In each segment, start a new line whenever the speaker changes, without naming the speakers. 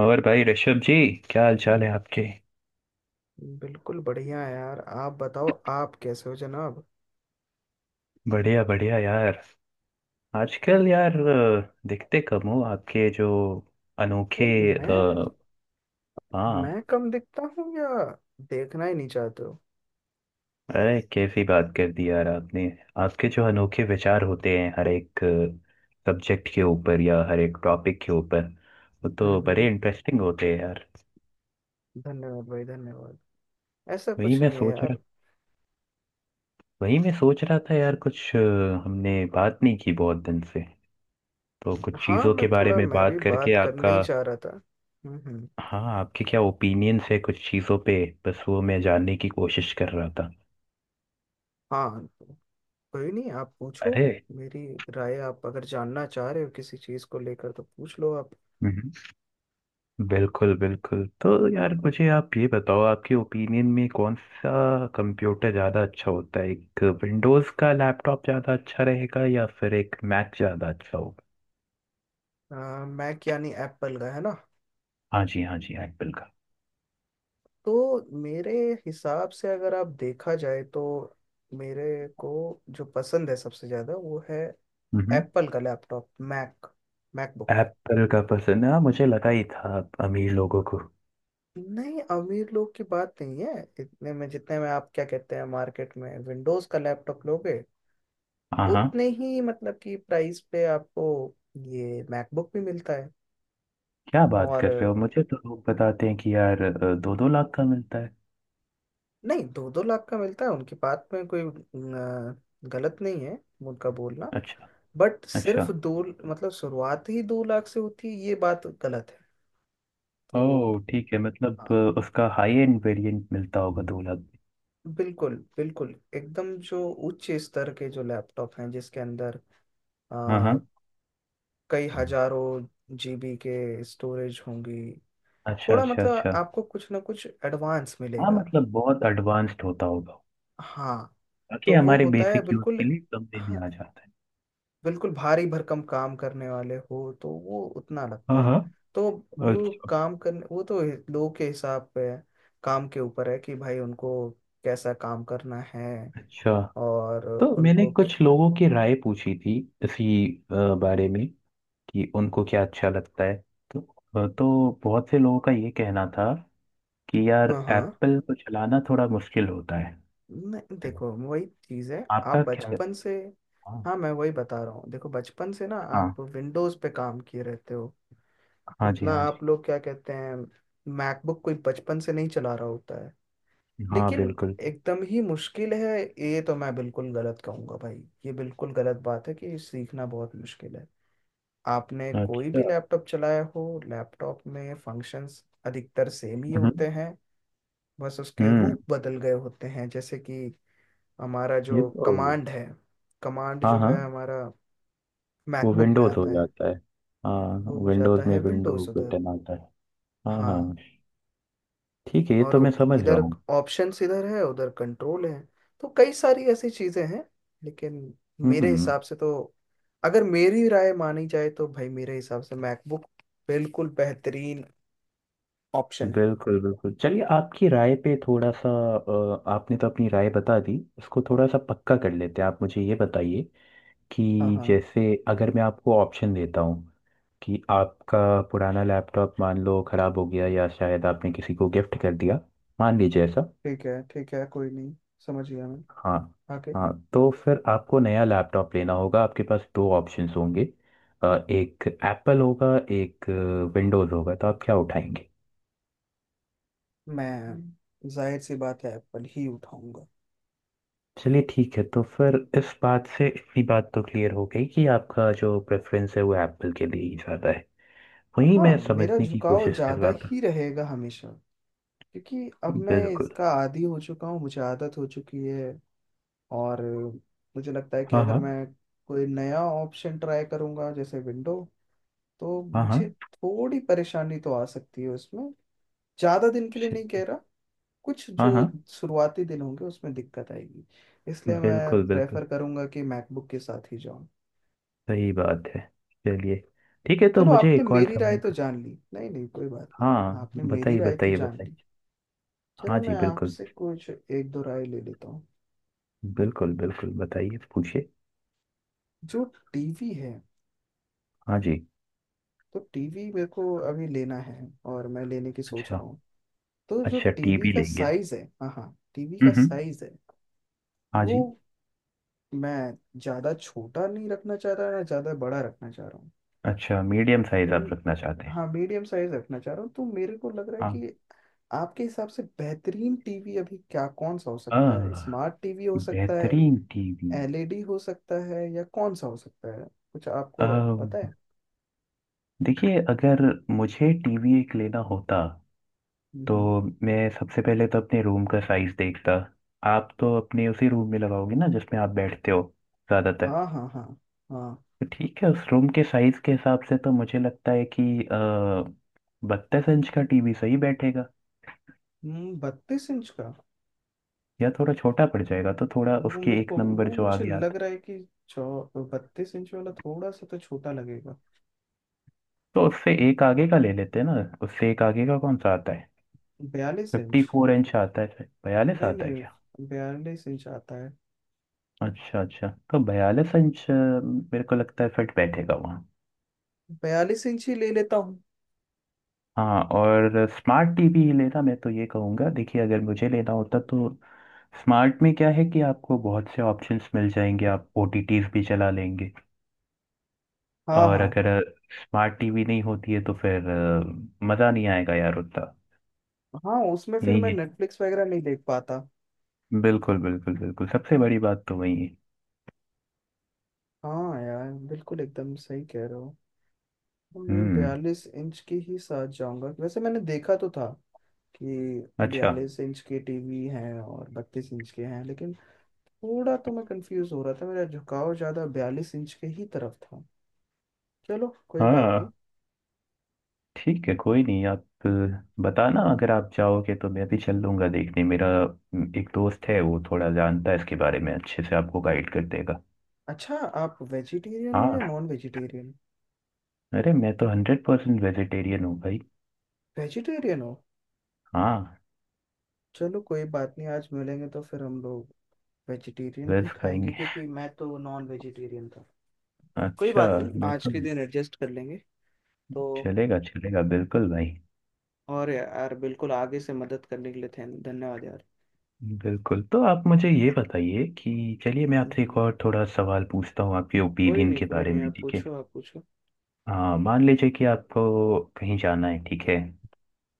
और भाई ऋषभ जी, क्या हाल चाल है आपके?
बिल्कुल बढ़िया है यार। आप बताओ, आप कैसे हो जनाब?
बढ़िया बढ़िया यार। आजकल यार दिखते कम हो आपके जो अनोखे
भाई, मैं
अ, हाँ।
मैं कम दिखता हूँ या देखना ही नहीं चाहते हो?
अरे कैसी बात कर दी यार आपने। आपके जो अनोखे विचार होते हैं हर एक सब्जेक्ट के ऊपर या हर एक टॉपिक के ऊपर, वो तो बड़े
हम्म।
इंटरेस्टिंग होते हैं यार।
धन्यवाद भाई, धन्यवाद। ऐसा
वही
कुछ
मैं
नहीं है
सोच रहा
यार।
वही मैं सोच रहा था यार कुछ हमने बात नहीं की बहुत दिन से, तो कुछ
हाँ,
चीज़ों के बारे में
मैं भी
बात करके
बात करना
आपका।
ही चाह रहा था। हम्म।
हाँ, आपके क्या ओपिनियंस है कुछ चीज़ों पे, बस वो मैं जानने की कोशिश कर रहा था।
हाँ, कोई नहीं, आप पूछो।
अरे,
मेरी राय आप अगर जानना चाह रहे हो किसी चीज़ को लेकर तो पूछ लो आप।
हम्म। बिल्कुल बिल्कुल। तो यार मुझे आप ये बताओ, आपके ओपिनियन में कौन सा कंप्यूटर ज़्यादा अच्छा होता है, एक विंडोज़ का लैपटॉप ज़्यादा अच्छा रहेगा या फिर एक मैक ज़्यादा अच्छा होगा?
मैक यानी एप्पल का है ना?
हाँ जी हाँ जी, एप्पल का।
तो मेरे हिसाब से, अगर आप देखा जाए तो, मेरे को जो पसंद है सबसे ज्यादा वो है
हम्म।
एप्पल का लैपटॉप, मैक, मैकबुक।
एप्पल का पसंद है हाँ, मुझे लगा ही था आप अमीर लोगों को।
नहीं, अमीर लोग की बात नहीं है। इतने में, जितने में आप क्या कहते हैं मार्केट में विंडोज का लैपटॉप लोगे,
हाँ हाँ।
उतने ही, मतलब कि प्राइस पे आपको ये मैकबुक भी मिलता है।
क्या बात
और
कर रहे हो, मुझे तो लोग बताते हैं कि यार दो दो लाख का मिलता है।
नहीं, दो दो लाख का मिलता है उनकी बात में कोई गलत नहीं है, उनका बोलना।
अच्छा।
बट सिर्फ
अच्छा,
दो, मतलब शुरुआत ही दो लाख से होती है, ये बात गलत है। तो
ओह ठीक है, मतलब
हाँ,
उसका हाई एंड वेरिएंट मिलता होगा 2 लाख में।
बिल्कुल बिल्कुल, एकदम जो उच्च स्तर के जो लैपटॉप हैं जिसके अंदर
हाँ
आ,
हाँ।
कई हजारों जीबी के स्टोरेज होंगी,
अच्छा
थोड़ा
अच्छा
मतलब
अच्छा।
आपको कुछ ना कुछ एडवांस
हाँ
मिलेगा।
मतलब बहुत एडवांस्ड होता होगा।
हाँ,
बाकी
तो वो
हमारे
होता है
बेसिक यूज
बिल्कुल।
के लिए कम में भी
हाँ,
आ जाता है।
बिल्कुल भारी भरकम काम करने वाले हो तो वो उतना लगता
हाँ
है।
हाँ।
तो वो
अच्छा
काम करने, वो तो लोगों के हिसाब पे है, काम के ऊपर है कि भाई उनको कैसा काम करना है।
अच्छा।
और
तो मैंने
उनको।
कुछ लोगों की राय पूछी थी इसी अ, बारे में, कि उनको क्या अच्छा लगता है, तो तो बहुत से लोगों का ये कहना था कि यार
हाँ हाँ।
एप्पल को चलाना थोड़ा मुश्किल होता है।
नहीं, देखो वही चीज़ है।
आपका
आप
क्या?
बचपन से,
हाँ
हाँ मैं वही बता रहा हूँ, देखो बचपन से ना
हाँ।
आप विंडोज़ पे काम किए रहते हो।
हाँ जी
उतना
हाँ जी।
आप लोग क्या कहते हैं, मैकबुक कोई बचपन से नहीं चला रहा होता है।
हाँ
लेकिन
बिल्कुल।
एकदम ही मुश्किल है, ये तो मैं बिल्कुल गलत कहूंगा भाई। ये बिल्कुल गलत बात है कि सीखना बहुत मुश्किल है। आपने कोई
अच्छा।
भी लैपटॉप चलाया हो, लैपटॉप में फंक्शंस अधिकतर सेम ही होते
हम्म
हैं, बस उसके
हम्म।
रूप बदल गए होते हैं। जैसे कि हमारा
ये
जो
तो
कमांड है, कमांड
हाँ
जो
हाँ,
है हमारा
वो
मैकबुक में
विंडोज हो
आता है,
जाता है। हाँ,
वो हो जाता
विंडोज में
है
विंडो
विंडोज उधर।
बटन आता है। हाँ
हाँ।
हाँ। ठीक है, ये
और
तो मैं समझ रहा
इधर
हूँ।
ऑप्शंस इधर है, उधर कंट्रोल है। तो कई सारी ऐसी चीजें हैं। लेकिन मेरे
हम्म।
हिसाब से तो, अगर मेरी राय मानी जाए तो भाई, मेरे हिसाब से मैकबुक बिल्कुल बेहतरीन ऑप्शन है।
बिल्कुल बिल्कुल। चलिए, आपकी राय पे थोड़ा सा आपने तो अपनी राय बता दी, इसको थोड़ा सा पक्का कर लेते हैं। आप मुझे ये बताइए,
हाँ
कि
हाँ।
जैसे अगर मैं आपको ऑप्शन देता हूँ कि आपका पुराना लैपटॉप मान लो खराब हो गया, या शायद आपने किसी को गिफ्ट कर दिया, मान लीजिए ऐसा।
ठीक है ठीक है, कोई नहीं, समझ गया मैं।
हाँ
आगे?
हाँ। तो फिर आपको नया लैपटॉप लेना होगा, आपके पास दो ऑप्शंस होंगे, एक एप्पल होगा एक विंडोज़ होगा, तो आप क्या उठाएंगे?
मैं, जाहिर सी बात है, एप्पल ही उठाऊंगा।
चलिए ठीक है, तो फिर इस बात से इतनी बात तो क्लियर हो गई कि आपका जो प्रेफरेंस है वो एप्पल के लिए ही ज़्यादा है। वही मैं
हाँ, मेरा
समझने की
झुकाव
कोशिश कर
ज्यादा
रहा था।
ही रहेगा हमेशा, क्योंकि अब मैं
बिल्कुल।
इसका आदी हो चुका हूँ, मुझे आदत हो चुकी है। और मुझे लगता है कि
हाँ
अगर
हाँ।
मैं कोई नया ऑप्शन ट्राई करूंगा जैसे विंडो, तो
हाँ
मुझे
हाँ।
थोड़ी परेशानी तो आ सकती है उसमें। ज़्यादा दिन के लिए
शि-
नहीं कह रहा, कुछ
हाँ
जो
हाँ।
शुरुआती दिन होंगे उसमें दिक्कत आएगी। इसलिए मैं
बिल्कुल बिल्कुल,
प्रेफर करूंगा कि मैकबुक के साथ ही जाऊं।
सही बात है। चलिए ठीक है, तो
चलो,
मुझे
आपने
एक और
मेरी राय
सवाल
तो
का।
जान ली। नहीं नहीं, कोई बात नहीं।
हाँ
आपने मेरी
बताइए
राय तो
बताइए
जान ली,
बताइए।
चलो
हाँ
मैं
जी बिल्कुल।
आपसे कुछ एक दो राय ले लेता हूँ।
बिल्कुल बिल्कुल, बताइए तो, पूछिए।
जो टीवी है,
हाँ जी।
तो टीवी मेरे को अभी लेना है और मैं लेने की सोच
अच्छा,
रहा हूँ। तो जो
अच्छा
टीवी
टीवी
का
लेंगे।
साइज है, हाँ हाँ, टीवी का
हम्म।
साइज है
हाँ
वो
जी।
मैं ज्यादा छोटा नहीं रखना चाह रहा, ना ज्यादा बड़ा रखना चाह रहा हूँ।
अच्छा, मीडियम साइज आप
तो
रखना चाहते हैं।
हाँ, मीडियम साइज रखना चाह रहा हूँ, तो मेरे को लग रहा है
हाँ।
कि आपके हिसाब से बेहतरीन टीवी अभी क्या, कौन सा हो
आ,
सकता है? स्मार्ट टीवी हो सकता है,
बेहतरीन टीवी
एलईडी हो सकता है, या कौन सा हो सकता है? कुछ आपको
आ,
पता है?
देखिए, अगर मुझे टीवी एक लेना होता
हम्म
तो
हम्म।
मैं सबसे पहले तो अपने रूम का साइज देखता। आप तो अपने उसी रूम में लगाओगे ना जिसमें आप बैठते हो ज़्यादातर।
हाँ हाँ हाँ हाँ।
तो ठीक है, उस रूम के साइज के हिसाब से तो मुझे लगता है कि 32 इंच का टीवी सही बैठेगा,
32 इंच का?
या थोड़ा छोटा पड़ जाएगा तो थोड़ा
वो
उसके
मेरे
एक
को,
नंबर
वो
जो
मुझे
आगे आता
लग
है,
रहा है कि चौ 32 इंच वाला थोड़ा सा तो छोटा लगेगा।
तो उससे एक आगे का ले लेते हैं ना। उससे एक आगे का कौन सा आता है,
42 इंच।
54 इंच आता है फिर 42
नहीं
आता है क्या?
नहीं, 42 इंच आता है।
अच्छा अच्छा, तो 42 इंच मेरे को लगता है फिट बैठेगा वहाँ।
42 इंच ही ले लेता हूँ।
हाँ, और स्मार्ट टीवी ही लेना, मैं तो ये कहूँगा, देखिए अगर मुझे लेना होता तो स्मार्ट में क्या है कि आपको बहुत से ऑप्शंस मिल जाएंगे, आप ओटीटीज भी चला लेंगे।
हाँ
और
हाँ
अगर स्मार्ट टीवी नहीं होती है तो फिर मज़ा नहीं आएगा यार उतना।
हाँ। उसमें फिर
यही
मैं
है।
नेटफ्लिक्स वगैरह नहीं देख पाता।
बिल्कुल बिल्कुल बिल्कुल, सबसे बड़ी बात तो वही है।
हाँ यार, बिल्कुल एकदम सही कह रहे हो। तो मैं
हम्म।
42 इंच के ही साथ जाऊंगा। वैसे मैंने देखा तो था कि
अच्छा।
42 इंच के टीवी हैं और 32 इंच के हैं, लेकिन थोड़ा तो मैं कंफ्यूज हो रहा था। मेरा झुकाव ज़्यादा 42 इंच के ही तरफ था। चलो कोई बात नहीं।
हाँ ठीक है कोई नहीं, आप बताना, अगर आप जाओगे तो मैं भी चल लूंगा देखने। मेरा एक दोस्त है, वो थोड़ा जानता है इसके बारे में, अच्छे से आपको गाइड कर देगा।
अच्छा, आप वेजिटेरियन हो
हाँ।
या नॉन वेजिटेरियन?
अरे, मैं तो 100% वेजिटेरियन हूँ भाई।
वेजिटेरियन हो?
हाँ।
चलो कोई बात नहीं, आज मिलेंगे तो फिर हम लोग वेजिटेरियन ही
वेज
खाएंगे,
खाएंगे।
क्योंकि मैं तो नॉन वेजिटेरियन था। कोई
अच्छा।
बात नहीं,
मैं
आज
तो
के दिन एडजस्ट कर लेंगे। तो,
चलेगा चलेगा बिल्कुल भाई।
और यार, बिल्कुल, आगे से मदद करने के लिए धन्यवाद यार।
बिल्कुल, तो आप मुझे ये बताइए कि चलिए मैं आपसे एक
हम्म।
और थोड़ा सवाल पूछता हूँ आपके
कोई
ओपिनियन
नहीं
के
कोई
बारे
नहीं,
में,
आप
ठीक है।
पूछो आप पूछो।
हाँ, मान लीजिए कि आपको कहीं जाना है, ठीक है,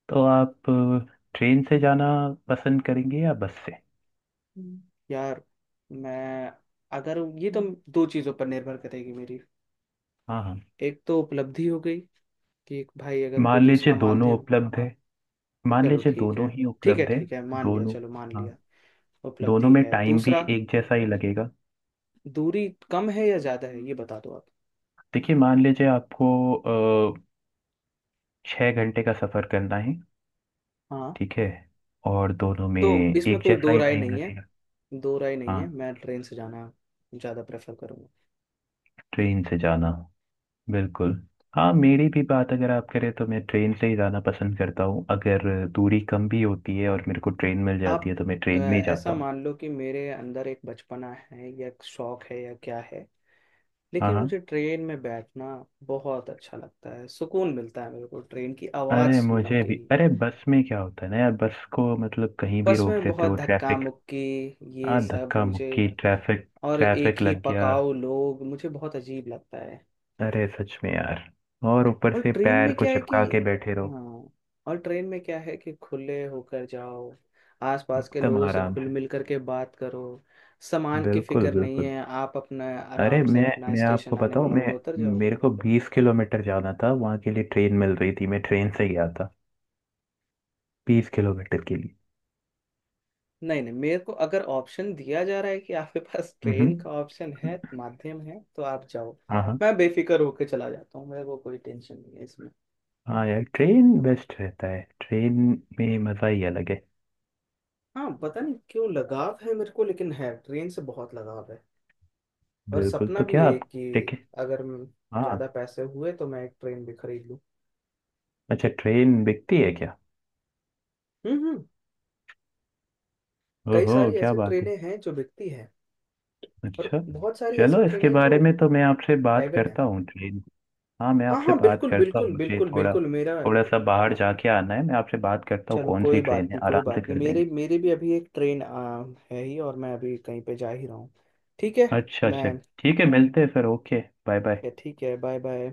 तो आप ट्रेन से जाना पसंद करेंगे या बस से?
हम्म, यार, मैं, अगर ये तो, दो चीज़ों पर निर्भर करेगी मेरी।
हाँ हाँ,
एक तो उपलब्धि हो गई, कि एक, भाई अगर कोई
मान लीजिए
दूसरा
दोनों
माध्यम।
उपलब्ध है, मान
चलो
लीजिए
ठीक है,
दोनों ही
ठीक है
उपलब्ध है,
ठीक है, मान लिया,
दोनों।
चलो मान
हाँ।
लिया।
दोनों
उपलब्धि
में
है,
टाइम भी
दूसरा
एक जैसा ही लगेगा।
दूरी कम है या ज्यादा है ये बता दो आप।
देखिए मान लीजिए आपको अ, 6 घंटे का सफ़र करना है,
हाँ,
ठीक है, और दोनों में
तो इसमें
एक
कोई
जैसा
दो
ही
राय
टाइम
नहीं है।
लगेगा।
दो राय नहीं है,
हाँ।
मैं ट्रेन से जाना ज्यादा प्रेफर करूंगा।
ट्रेन से जाना, बिल्कुल। हाँ, मेरी भी बात अगर आप करें तो मैं ट्रेन से ही जाना पसंद करता हूँ, अगर दूरी कम भी होती है और मेरे को ट्रेन मिल
आप
जाती है तो मैं ट्रेन में ही
ऐसा
जाता हूँ।
मान लो कि मेरे अंदर एक बचपना है, या एक शौक है, या क्या है,
हाँ
लेकिन
हाँ।
मुझे ट्रेन में बैठना बहुत अच्छा लगता है। सुकून मिलता है मेरे को ट्रेन की आवाज़
अरे,
सुनने
मुझे
के
भी
ही।
अरे, बस में क्या होता है ना यार, बस को मतलब कहीं भी
बस
रोक
में
देते
बहुत
हो,
धक्का
ट्रैफिक।
मुक्की, ये
हाँ,
सब
धक्का
मुझे,
मुक्की, ट्रैफिक।
और एक
ट्रैफिक
ही
लग गया।
पकाओ लोग, मुझे बहुत अजीब लगता है।
अरे सच में यार। और ऊपर
और
से
ट्रेन
पैर
में
को
क्या है कि,
चिपका के बैठे रहो।
हाँ, और ट्रेन में क्या है कि खुले होकर जाओ, आसपास के
एकदम
लोगों से
आराम
घुल
से।
मिल करके बात करो, सामान की
बिल्कुल
फिक्र नहीं
बिल्कुल।
है, आप अपना
अरे
आराम से,
मैं
अपना
मैं आपको
स्टेशन आने
बताऊं,
वाला होगा
मैं
उतर जाओगे।
मेरे को 20 किलोमीटर जाना था वहां के लिए, ट्रेन मिल रही थी, मैं ट्रेन से गया था, 20 किलोमीटर के लिए।
नहीं नहीं, मेरे को अगर ऑप्शन दिया जा रहा है कि आपके पास ट्रेन
हम्म।
का ऑप्शन है, माध्यम है, तो आप जाओ।
हाँ हाँ।
मैं बेफिक्र होकर चला जाता हूँ, मेरे को कोई टेंशन नहीं है इसमें।
हाँ यार, ट्रेन बेस्ट रहता है, ट्रेन में मजा ही अलग है।
हाँ, पता नहीं क्यों लगाव है मेरे को, लेकिन है, ट्रेन से बहुत लगाव है। और
बिल्कुल,
सपना
तो
भी
क्या
है
आप
कि,
टिकट।
अगर
हाँ।
ज्यादा पैसे हुए तो मैं एक ट्रेन भी खरीद लूँ।
अच्छा, ट्रेन बिकती है क्या?
हम्म। कई
ओहो,
सारी
क्या
ऐसे
बात है।
ट्रेनें हैं जो बिकती हैं। और
अच्छा।
बहुत सारी
चलो,
ऐसे
इसके
ट्रेनें हैं जो
बारे में तो मैं आपसे बात
प्राइवेट हैं।
करता हूँ, ट्रेन, हाँ मैं
हाँ
आपसे
हाँ,
बात
बिल्कुल
करता हूँ,
बिल्कुल
मुझे
बिल्कुल
थोड़ा
बिल्कुल मेरा।
थोड़ा सा बाहर
हाँ।
जाके आना है, मैं आपसे बात करता हूँ
चलो
कौन सी
कोई बात
ट्रेन है,
नहीं, कोई
आराम से
बात नहीं,
कर
मेरी
देंगे।
मेरी भी अभी एक ट्रेन है ही, और मैं अभी कहीं पे जा ही रहा हूँ। ठीक है।
अच्छा अच्छा।
मैं।
ठीक है, मिलते हैं फिर, ओके बाय बाय।
ठीक है, बाय बाय।